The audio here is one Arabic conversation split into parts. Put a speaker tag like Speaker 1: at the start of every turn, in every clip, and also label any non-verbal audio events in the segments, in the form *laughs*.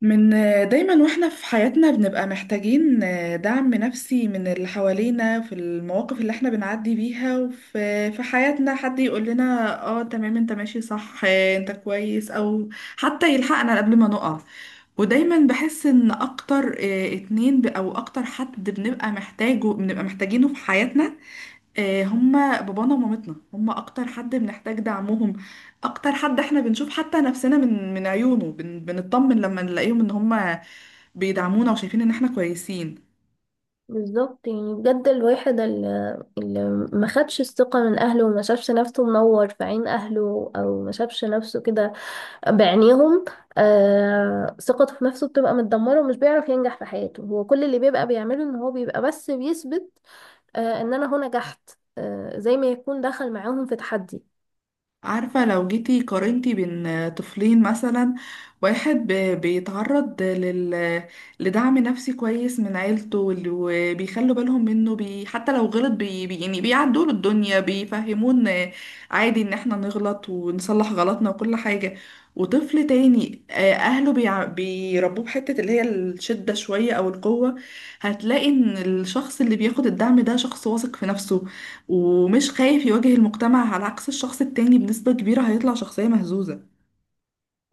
Speaker 1: من دايما واحنا في حياتنا بنبقى محتاجين دعم نفسي من اللي حوالينا في المواقف اللي احنا بنعدي بيها، وفي حياتنا حد يقول لنا اه تمام انت ماشي صح، انت كويس او حتى يلحقنا قبل ما نقع. ودايما بحس ان اكتر، اتنين او اكتر حد بنبقى محتاجينه في حياتنا، هما بابانا ومامتنا. هما اكتر حد بنحتاج دعمهم، اكتر حد احنا بنشوف حتى نفسنا من عيونه. بنطمن لما نلاقيهم ان هما بيدعمونا وشايفين ان احنا كويسين.
Speaker 2: بالظبط، يعني بجد الواحد اللي ما خدش الثقة من أهله وما شافش نفسه منور في عين أهله أو ما شافش نفسه كده بعينيهم. ثقته في نفسه بتبقى متدمرة ومش بيعرف ينجح في حياته، هو كل اللي بيبقى بيعمله إن هو بيبقى بس بيثبت إن أنا هو نجحت، زي ما يكون دخل معاهم في تحدي.
Speaker 1: عارفة لو جيتي قارنتي بين طفلين مثلا، واحد بيتعرض لدعم نفسي كويس من عيلته، وبيخلوا بالهم منه، حتى لو غلط، يعني بيعدوا له الدنيا، بيفهمون عادي ان احنا نغلط ونصلح غلطنا وكل حاجة. وطفل تاني، اهله بيربوه بحتة اللي هي الشدة شوية او القوة. هتلاقي ان الشخص اللي بياخد الدعم ده شخص واثق في نفسه ومش خايف يواجه المجتمع، على عكس الشخص التاني بنسبة كبيرة هيطلع شخصية مهزوزة.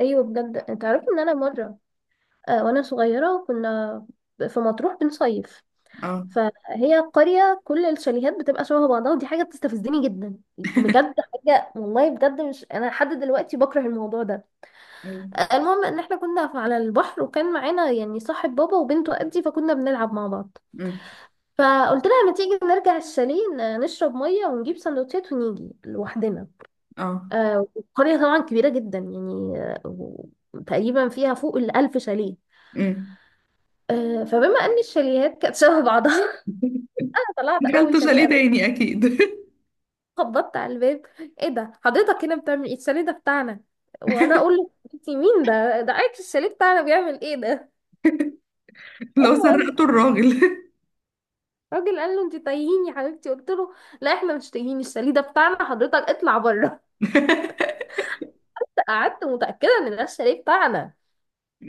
Speaker 2: أيوة، بجد أنت عارف إن أنا مرة وأنا صغيرة كنا في مطروح بنصيف.
Speaker 1: اه.
Speaker 2: فهي قرية كل الشاليهات بتبقى شبه بعضها، ودي حاجة بتستفزني جدا، بجد حاجة، والله بجد مش أنا لحد دلوقتي بكره الموضوع ده.
Speaker 1: أيوة.
Speaker 2: المهم إن احنا كنا على البحر، وكان معانا يعني صاحب بابا وبنته قدي، فكنا بنلعب مع بعض.
Speaker 1: أمم.
Speaker 2: فقلت لها ما تيجي نرجع الشاليه نشرب مية ونجيب سندوتشات ونيجي لوحدنا.
Speaker 1: اه.
Speaker 2: والقرية طبعا كبيرة جدا يعني تقريبا فيها فوق ال1000 شاليه.
Speaker 1: أمم.
Speaker 2: فبما ان الشاليهات كانت شبه بعضها،
Speaker 1: *laughs*
Speaker 2: *laughs* انا طلعت
Speaker 1: دخلت
Speaker 2: اول شاليه،
Speaker 1: شاليه تاني اكيد.
Speaker 2: خبطت على الباب. ايه ده؟ حضرتك هنا بتعمل ايه؟ الشاليه ده بتاعنا. وانا اقول له انت مين؟ ده عارف الشاليه بتاعنا بيعمل ايه ده؟
Speaker 1: *laughs*
Speaker 2: *laughs*
Speaker 1: لو
Speaker 2: المهم
Speaker 1: سرقته الراجل.
Speaker 2: الراجل قال له انت تايهين يا حبيبتي. قلت له لا احنا مش تايهين، الشاليه ده بتاعنا، حضرتك اطلع بره.
Speaker 1: *laughs*
Speaker 2: *laughs* قعدت متاكده ان ده الشاليه بتاعنا،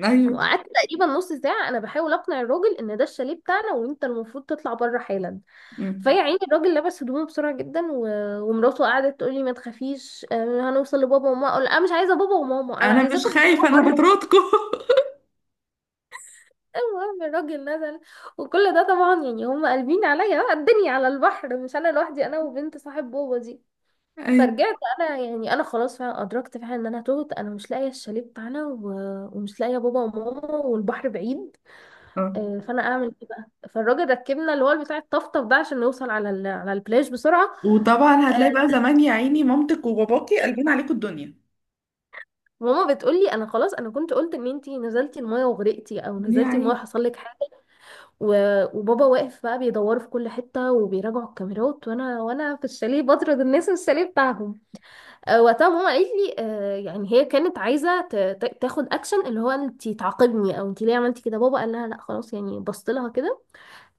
Speaker 1: ايوه.
Speaker 2: وقعدت تقريبا نص ساعه انا بحاول اقنع الراجل ان ده الشاليه بتاعنا وانت المفروض تطلع بره حالا.
Speaker 1: أمم.
Speaker 2: فيا عيني الراجل لبس هدومه بسرعه جدا ومراته قعدت تقول لي ما تخافيش، هنوصل لبابا وماما. اقول لها مش عايزه بابا وماما، انا
Speaker 1: انا
Speaker 2: عايزاكم
Speaker 1: مش خايفة، انا
Speaker 2: تطلعوا.
Speaker 1: بطردكم. *laughs*
Speaker 2: المهم الراجل نزل، وكل ده طبعا يعني هم قلبين عليا بقى الدنيا على البحر، مش انا لوحدي، انا وبنت صاحب بابا دي.
Speaker 1: ايوه.
Speaker 2: فرجعت انا، يعني انا خلاص فعلا ادركت فعلا ان انا تهت، انا مش لاقيه الشاليه بتاعنا ومش لاقيه بابا وماما، والبحر بعيد.
Speaker 1: اه.
Speaker 2: فانا اعمل ايه بقى؟ فالراجل ركبنا اللي هو بتاع الطفطف ده عشان نوصل على البلاج بسرعه.
Speaker 1: وطبعا هتلاقي بقى زمان يا عيني مامتك وباباكي قلبين عليكم الدنيا.
Speaker 2: ماما بتقول لي انا خلاص، انا كنت قلت ان انتي نزلتي المايه وغرقتي، او
Speaker 1: يا
Speaker 2: نزلتي
Speaker 1: عيني.
Speaker 2: المايه حصل لك. وبابا واقف بقى بيدوروا في كل حتة وبيراجعوا الكاميرات، وانا في الشاليه بطرد الناس من الشاليه بتاعهم. وقتها ماما قالت لي يعني هي كانت عايزة تاخد اكشن، اللي هو انتي تعاقبني او انتي ليه عملتي كده. بابا قال لها لا خلاص، يعني بصت لها كده.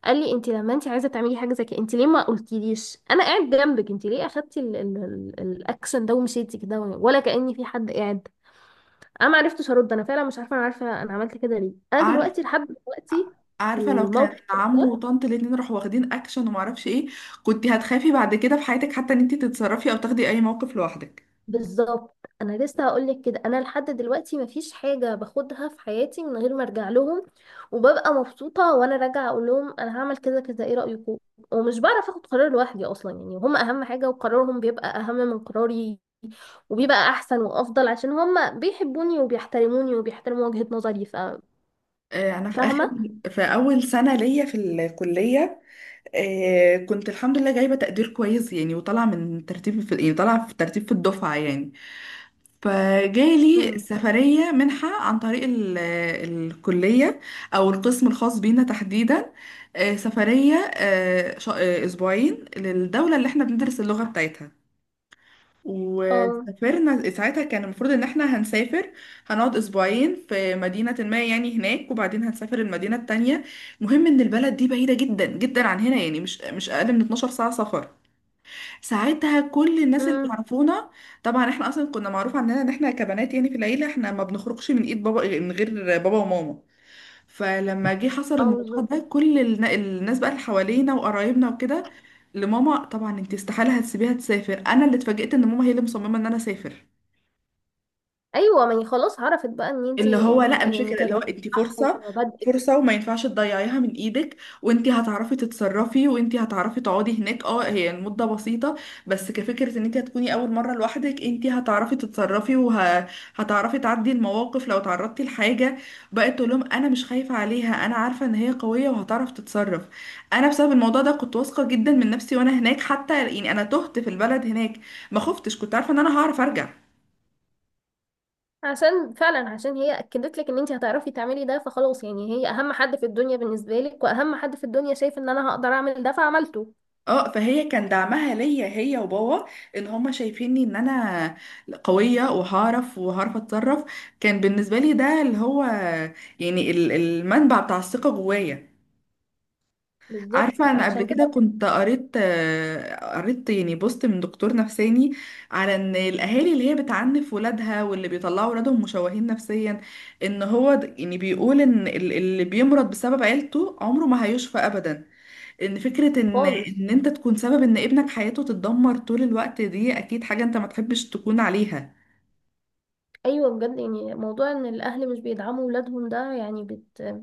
Speaker 2: قال لي انتي لما انتي عايزة تعملي حاجة زي كده، انتي ليه ما قلتيليش؟ انا قاعد جنبك. انتي ليه اخدتي الاكشن ده ومشيتي كده، ولا كأني في حد قاعد؟ انا ما عرفتش ارد، انا فعلا مش عارفه، انا عارفه انا عملت كده ليه، انا
Speaker 1: عارفة.
Speaker 2: دلوقتي لحد دلوقتي
Speaker 1: عارفه لو كان
Speaker 2: الموقف
Speaker 1: عم
Speaker 2: ده.
Speaker 1: وطنط الاتنين راحوا واخدين اكشن ومعرفش ايه، كنت هتخافي بعد كده في حياتك حتى ان انت تتصرفي او تاخدي اي موقف لوحدك.
Speaker 2: بالظبط. انا لسه هقول لك كده، انا لحد دلوقتي مفيش حاجه باخدها في حياتي من غير ما ارجع لهم، وببقى مبسوطه وانا راجعه اقول لهم انا هعمل كذا كذا، ايه رايكم؟ ومش بعرف اخد قرار لوحدي اصلا، يعني هم اهم حاجه وقرارهم بيبقى اهم من قراري، وبيبقى احسن وافضل عشان هم بيحبوني وبيحترموني وبيحترموا وجهه نظري.
Speaker 1: آه، انا في اخر
Speaker 2: فاهمه.
Speaker 1: في اول سنه ليا في الكليه، كنت الحمد لله جايبه تقدير كويس يعني، وطالعه من ترتيب في، يعني طالعه في ترتيب في الدفعه يعني. فجالي
Speaker 2: امم.
Speaker 1: سفريه منحه عن طريق الكليه، او القسم الخاص بينا تحديدا، سفريه اسبوعين للدوله اللي احنا بندرس اللغه بتاعتها.
Speaker 2: اه.
Speaker 1: وسافرنا ساعتها، كان المفروض ان احنا هنسافر، هنقعد اسبوعين في مدينة ما يعني هناك وبعدين هنسافر المدينة التانية. مهم ان البلد دي بعيدة جدا جدا عن هنا، يعني مش اقل من 12 ساعة سفر. ساعتها كل الناس اللي
Speaker 2: امم.
Speaker 1: يعرفونا، طبعا احنا اصلا كنا معروف عننا ان احنا كبنات يعني في العيلة، احنا ما بنخرجش من ايد بابا من غير بابا وماما. فلما جه حصل
Speaker 2: اه.
Speaker 1: الموضوع
Speaker 2: بالظبط.
Speaker 1: ده، كل الناس بقى اللي حوالينا وقرايبنا وكده لماما، طبعا انت استحالة هتسيبيها تسافر. انا اللي اتفاجئت ان ماما هي اللي مصممة ان انا اسافر،
Speaker 2: ايوه، ما هي خلاص عرفت بقى ان انت،
Speaker 1: اللي هو لا مش
Speaker 2: يعني
Speaker 1: فكرة، اللي هو
Speaker 2: تربيتك
Speaker 1: انت
Speaker 2: صح
Speaker 1: فرصة،
Speaker 2: وبدأ،
Speaker 1: فرصة وما ينفعش تضيعيها من ايدك. وانت هتعرفي تتصرفي وانت هتعرفي تقعدي هناك، اه هي المدة بسيطة بس كفكرة ان انت هتكوني اول مرة لوحدك، انت هتعرفي تتصرفي وهتعرفي تعدي المواقف لو تعرضتي لحاجة. بقت تقول لهم انا مش خايفة عليها، انا عارفة ان هي قوية وهتعرف تتصرف. انا بسبب الموضوع ده كنت واثقة جدا من نفسي، وانا هناك حتى يعني انا تهت في البلد هناك ما خفتش، كنت عارفة ان انا هعرف ارجع.
Speaker 2: عشان فعلا عشان هي اكدت لك ان انت هتعرفي تعملي ده، فخلاص يعني هي اهم حد في الدنيا بالنسبه لك، واهم حد في الدنيا شايف ان انا هقدر اعمل ده، فعملته.
Speaker 1: اه فهي كان دعمها ليا هي وبابا، ان هما شايفيني ان انا قوية وهعرف اتصرف. كان بالنسبة لي ده اللي هو يعني المنبع بتاع الثقة جوايا.
Speaker 2: بالظبط.
Speaker 1: عارفة انا قبل
Speaker 2: فعشان كده،
Speaker 1: كده كنت قريت، قريت يعني بوست من دكتور نفساني، على ان الاهالي اللي هي بتعنف ولادها واللي بيطلعوا ولادهم مشوهين نفسيا. ان هو يعني بيقول ان اللي بيمرض بسبب عيلته عمره ما هيشفى ابدا. ان فكرة ان
Speaker 2: خالص.
Speaker 1: انت تكون سبب ان ابنك حياته تتدمر طول الوقت، دي اكيد حاجة انت ما تحبش تكون عليها.
Speaker 2: ايوه بجد، يعني موضوع ان الاهل مش بيدعموا ولادهم ده، يعني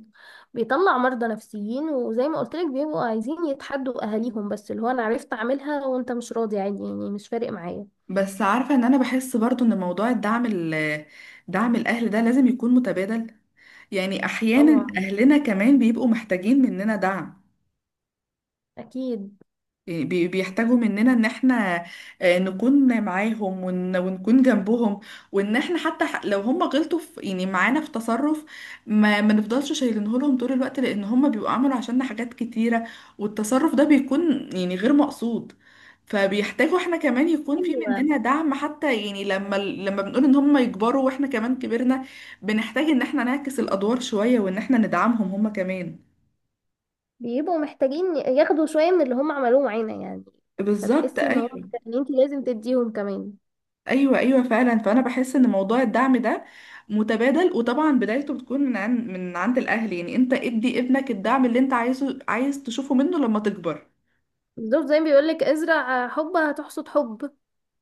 Speaker 2: بيطلع مرضى نفسيين، وزي ما قلت لك بيبقوا عايزين يتحدوا اهاليهم، بس اللي هو انا عرفت اعملها وانت مش راضي، عادي يعني مش فارق معايا.
Speaker 1: بس عارفة ان انا بحس برضو ان موضوع دعم الاهل ده لازم يكون متبادل. يعني احيانا
Speaker 2: طبعا.
Speaker 1: اهلنا كمان بيبقوا محتاجين مننا دعم،
Speaker 2: اكيد.
Speaker 1: إيه، بيحتاجوا مننا ان احنا، نكون معاهم ونكون جنبهم. وان احنا حتى لو هم غلطوا في يعني معانا في تصرف، ما نفضلش شايلينه لهم طول الوقت، لان هم بيبقوا عملوا عشاننا حاجات كتيرة والتصرف ده بيكون يعني غير مقصود. فبيحتاجوا احنا كمان يكون في
Speaker 2: ايوه،
Speaker 1: مننا دعم، حتى يعني لما لما بنقول ان هم يكبروا واحنا كمان كبرنا، بنحتاج ان احنا نعكس الادوار شوية وان احنا ندعمهم هم كمان.
Speaker 2: بيبقوا محتاجين ياخدوا شوية من اللي هم عملوه معانا يعني.
Speaker 1: بالظبط.
Speaker 2: فتحسي ان هم
Speaker 1: ايوه،
Speaker 2: محتاجين، انت لازم تديهم كمان.
Speaker 1: ايوه، ايوه فعلا، فانا بحس ان موضوع الدعم ده متبادل، وطبعا بدايته بتكون من عند الاهل، يعني انت ادي ابنك الدعم اللي انت عايزه عايز تشوفه منه لما تكبر.
Speaker 2: بالظبط، زي ما بيقولك ازرع حب هتحصد حب.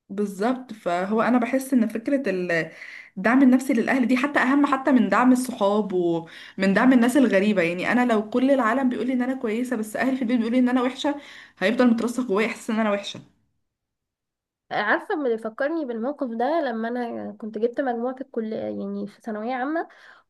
Speaker 1: بالظبط. فهو انا بحس ان فكره الدعم النفسي للاهل دي حتى اهم، حتى من دعم الصحاب ومن دعم الناس الغريبه. يعني انا لو كل العالم بيقول لي ان انا كويسه، بس اهلي في البيت بيقولوا لي ان انا وحشه، هيفضل مترسخ جوايا احساس ان انا وحشه.
Speaker 2: عارفة، اللي فكرني بالموقف ده لما أنا كنت جبت مجموعة في الكلية، يعني في ثانوية عامة،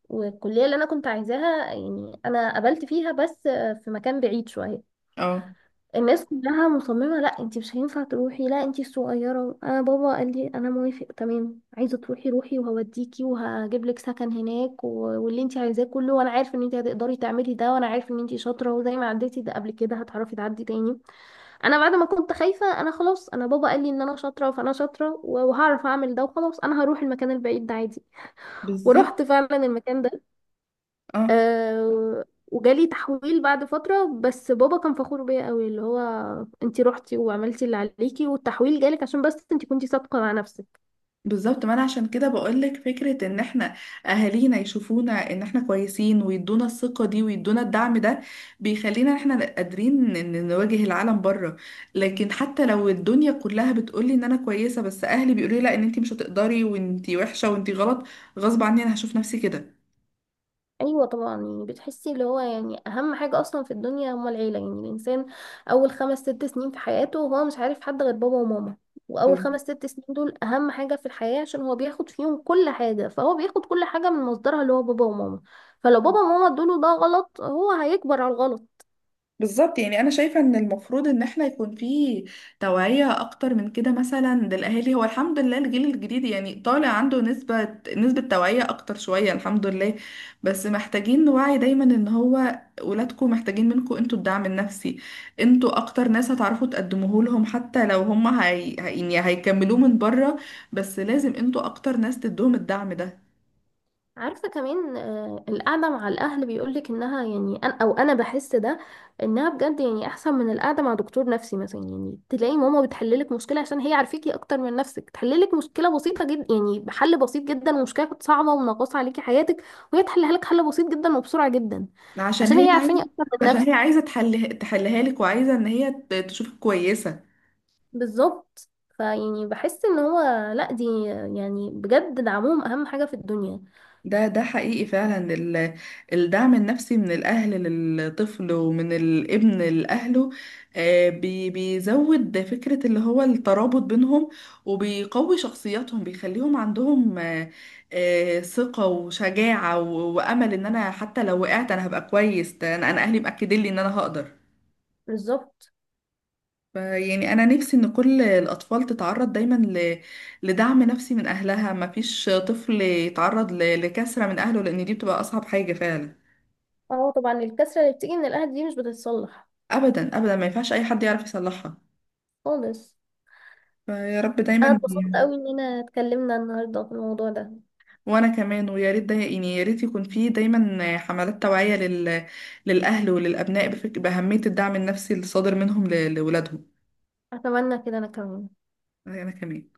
Speaker 2: والكلية اللي أنا كنت عايزاها يعني أنا قبلت فيها، بس في مكان بعيد شوية.
Speaker 1: اه.
Speaker 2: الناس كلها مصممة لا انتي مش هينفع تروحي، لا انتي الصغيرة. انا بابا قال لي انا موافق، تمام عايزة تروحي روحي، وهوديكي وهجيب لك سكن هناك واللي انتي عايزاه كله، وانا عارف ان انتي هتقدري تعملي ده، وانا عارف ان انتي شاطرة، وزي ما عديتي ده قبل كده هتعرفي تعدي تاني. انا بعد ما كنت خايفة، انا خلاص انا بابا قال لي ان انا شاطرة فانا شاطرة، وهعرف اعمل ده، وخلاص انا هروح المكان البعيد ده عادي.
Speaker 1: بالظبط.
Speaker 2: ورحت فعلا المكان ده.
Speaker 1: اه
Speaker 2: أه، وجالي تحويل بعد فترة، بس بابا كان فخور بيا قوي، اللي هو انتي روحتي وعملتي اللي عليكي، والتحويل جالك عشان بس انتي كنتي صادقة مع نفسك.
Speaker 1: بالظبط. ما انا عشان كده بقولك فكرة ان احنا اهالينا يشوفونا ان احنا كويسين ويدونا الثقة دي ويدونا الدعم ده، بيخلينا إن احنا قادرين ان نواجه العالم بره. لكن حتى لو الدنيا كلها بتقولي ان انا كويسة، بس اهلي بيقولوا لي لا ان انتي مش هتقدري وانتي وحشة وانتي غلط، غصب عني انا هشوف نفسي
Speaker 2: ايوه طبعا، يعني بتحسي اللي هو يعني اهم حاجه اصلا في الدنيا هما العيله، يعني الانسان اول 5 6 سنين في حياته هو مش عارف حد غير بابا وماما، واول
Speaker 1: كده.
Speaker 2: 5 6 سنين دول اهم حاجه في الحياه، عشان هو بياخد فيهم كل حاجه، فهو بياخد كل حاجه من مصدرها اللي هو بابا وماما. فلو بابا وماما ادوله ده غلط، هو هيكبر على الغلط.
Speaker 1: بالظبط. يعني انا شايفه ان المفروض ان احنا يكون في توعيه اكتر من كده مثلا للاهالي. هو الحمد لله الجيل الجديد يعني طالع عنده نسبه، توعيه اكتر شويه الحمد لله، بس محتاجين نوعي دايما ان هو ولادكم محتاجين منكم انتوا الدعم النفسي. انتوا اكتر ناس هتعرفوا تقدموه لهم، حتى لو هم يعني هيكملوه من بره، بس لازم انتوا اكتر ناس تدوهم الدعم ده.
Speaker 2: عارفة كمان، القعدة مع الأهل بيقولك إنها يعني أنا، أو أنا بحس ده إنها بجد يعني أحسن من القعدة مع دكتور نفسي مثلا. يعني تلاقي ماما بتحللك مشكلة عشان هي عارفاكي أكتر من نفسك، تحللك مشكلة بسيطة جدا يعني بحل بسيط جدا، ومشكلة كانت صعبة ومنغصة عليكي حياتك وهي تحلها لك حل بسيط جدا وبسرعة جدا،
Speaker 1: عشان
Speaker 2: عشان
Speaker 1: هي
Speaker 2: هي عارفاني
Speaker 1: عايزه
Speaker 2: أكتر من
Speaker 1: عشان هي
Speaker 2: نفسي.
Speaker 1: عايزه تحل، تحلها لك وعايزه ان هي تشوفك كويسه.
Speaker 2: بالظبط. فيعني بحس إن هو، لأ دي يعني بجد دعمهم أهم حاجة في الدنيا.
Speaker 1: ده حقيقي فعلا، الدعم النفسي من الأهل للطفل ومن الابن لأهله، بيزود فكرة اللي هو الترابط بينهم، وبيقوي شخصياتهم بيخليهم عندهم، ثقة وشجاعة وأمل إن أنا حتى لو وقعت أنا هبقى كويس، ده أنا، أهلي مأكدين لي إن أنا هقدر.
Speaker 2: بالظبط.
Speaker 1: يعني انا نفسي ان كل الاطفال تتعرض دايما لدعم نفسي من اهلها، ما فيش طفل يتعرض لكسرة من اهله، لان دي بتبقى اصعب حاجة فعلا.
Speaker 2: اه طبعا، الكسرة اللي بتيجي من الأهل دي مش بتتصلح.
Speaker 1: ابدا ابدا، ما ينفعش اي حد يعرف يصلحها.
Speaker 2: خالص.
Speaker 1: فيا رب
Speaker 2: انا
Speaker 1: دايما.
Speaker 2: اتبسطت قوي اننا اتكلمنا النهارده في الموضوع ده.
Speaker 1: وانا كمان، ويا ريت داي... يعني يا ريت يكون في دايما حملات توعية للاهل وللابناء باهمية الدعم النفسي الصادر منهم لولادهم.
Speaker 2: اتمنى كده انا كمان.
Speaker 1: انا كمان.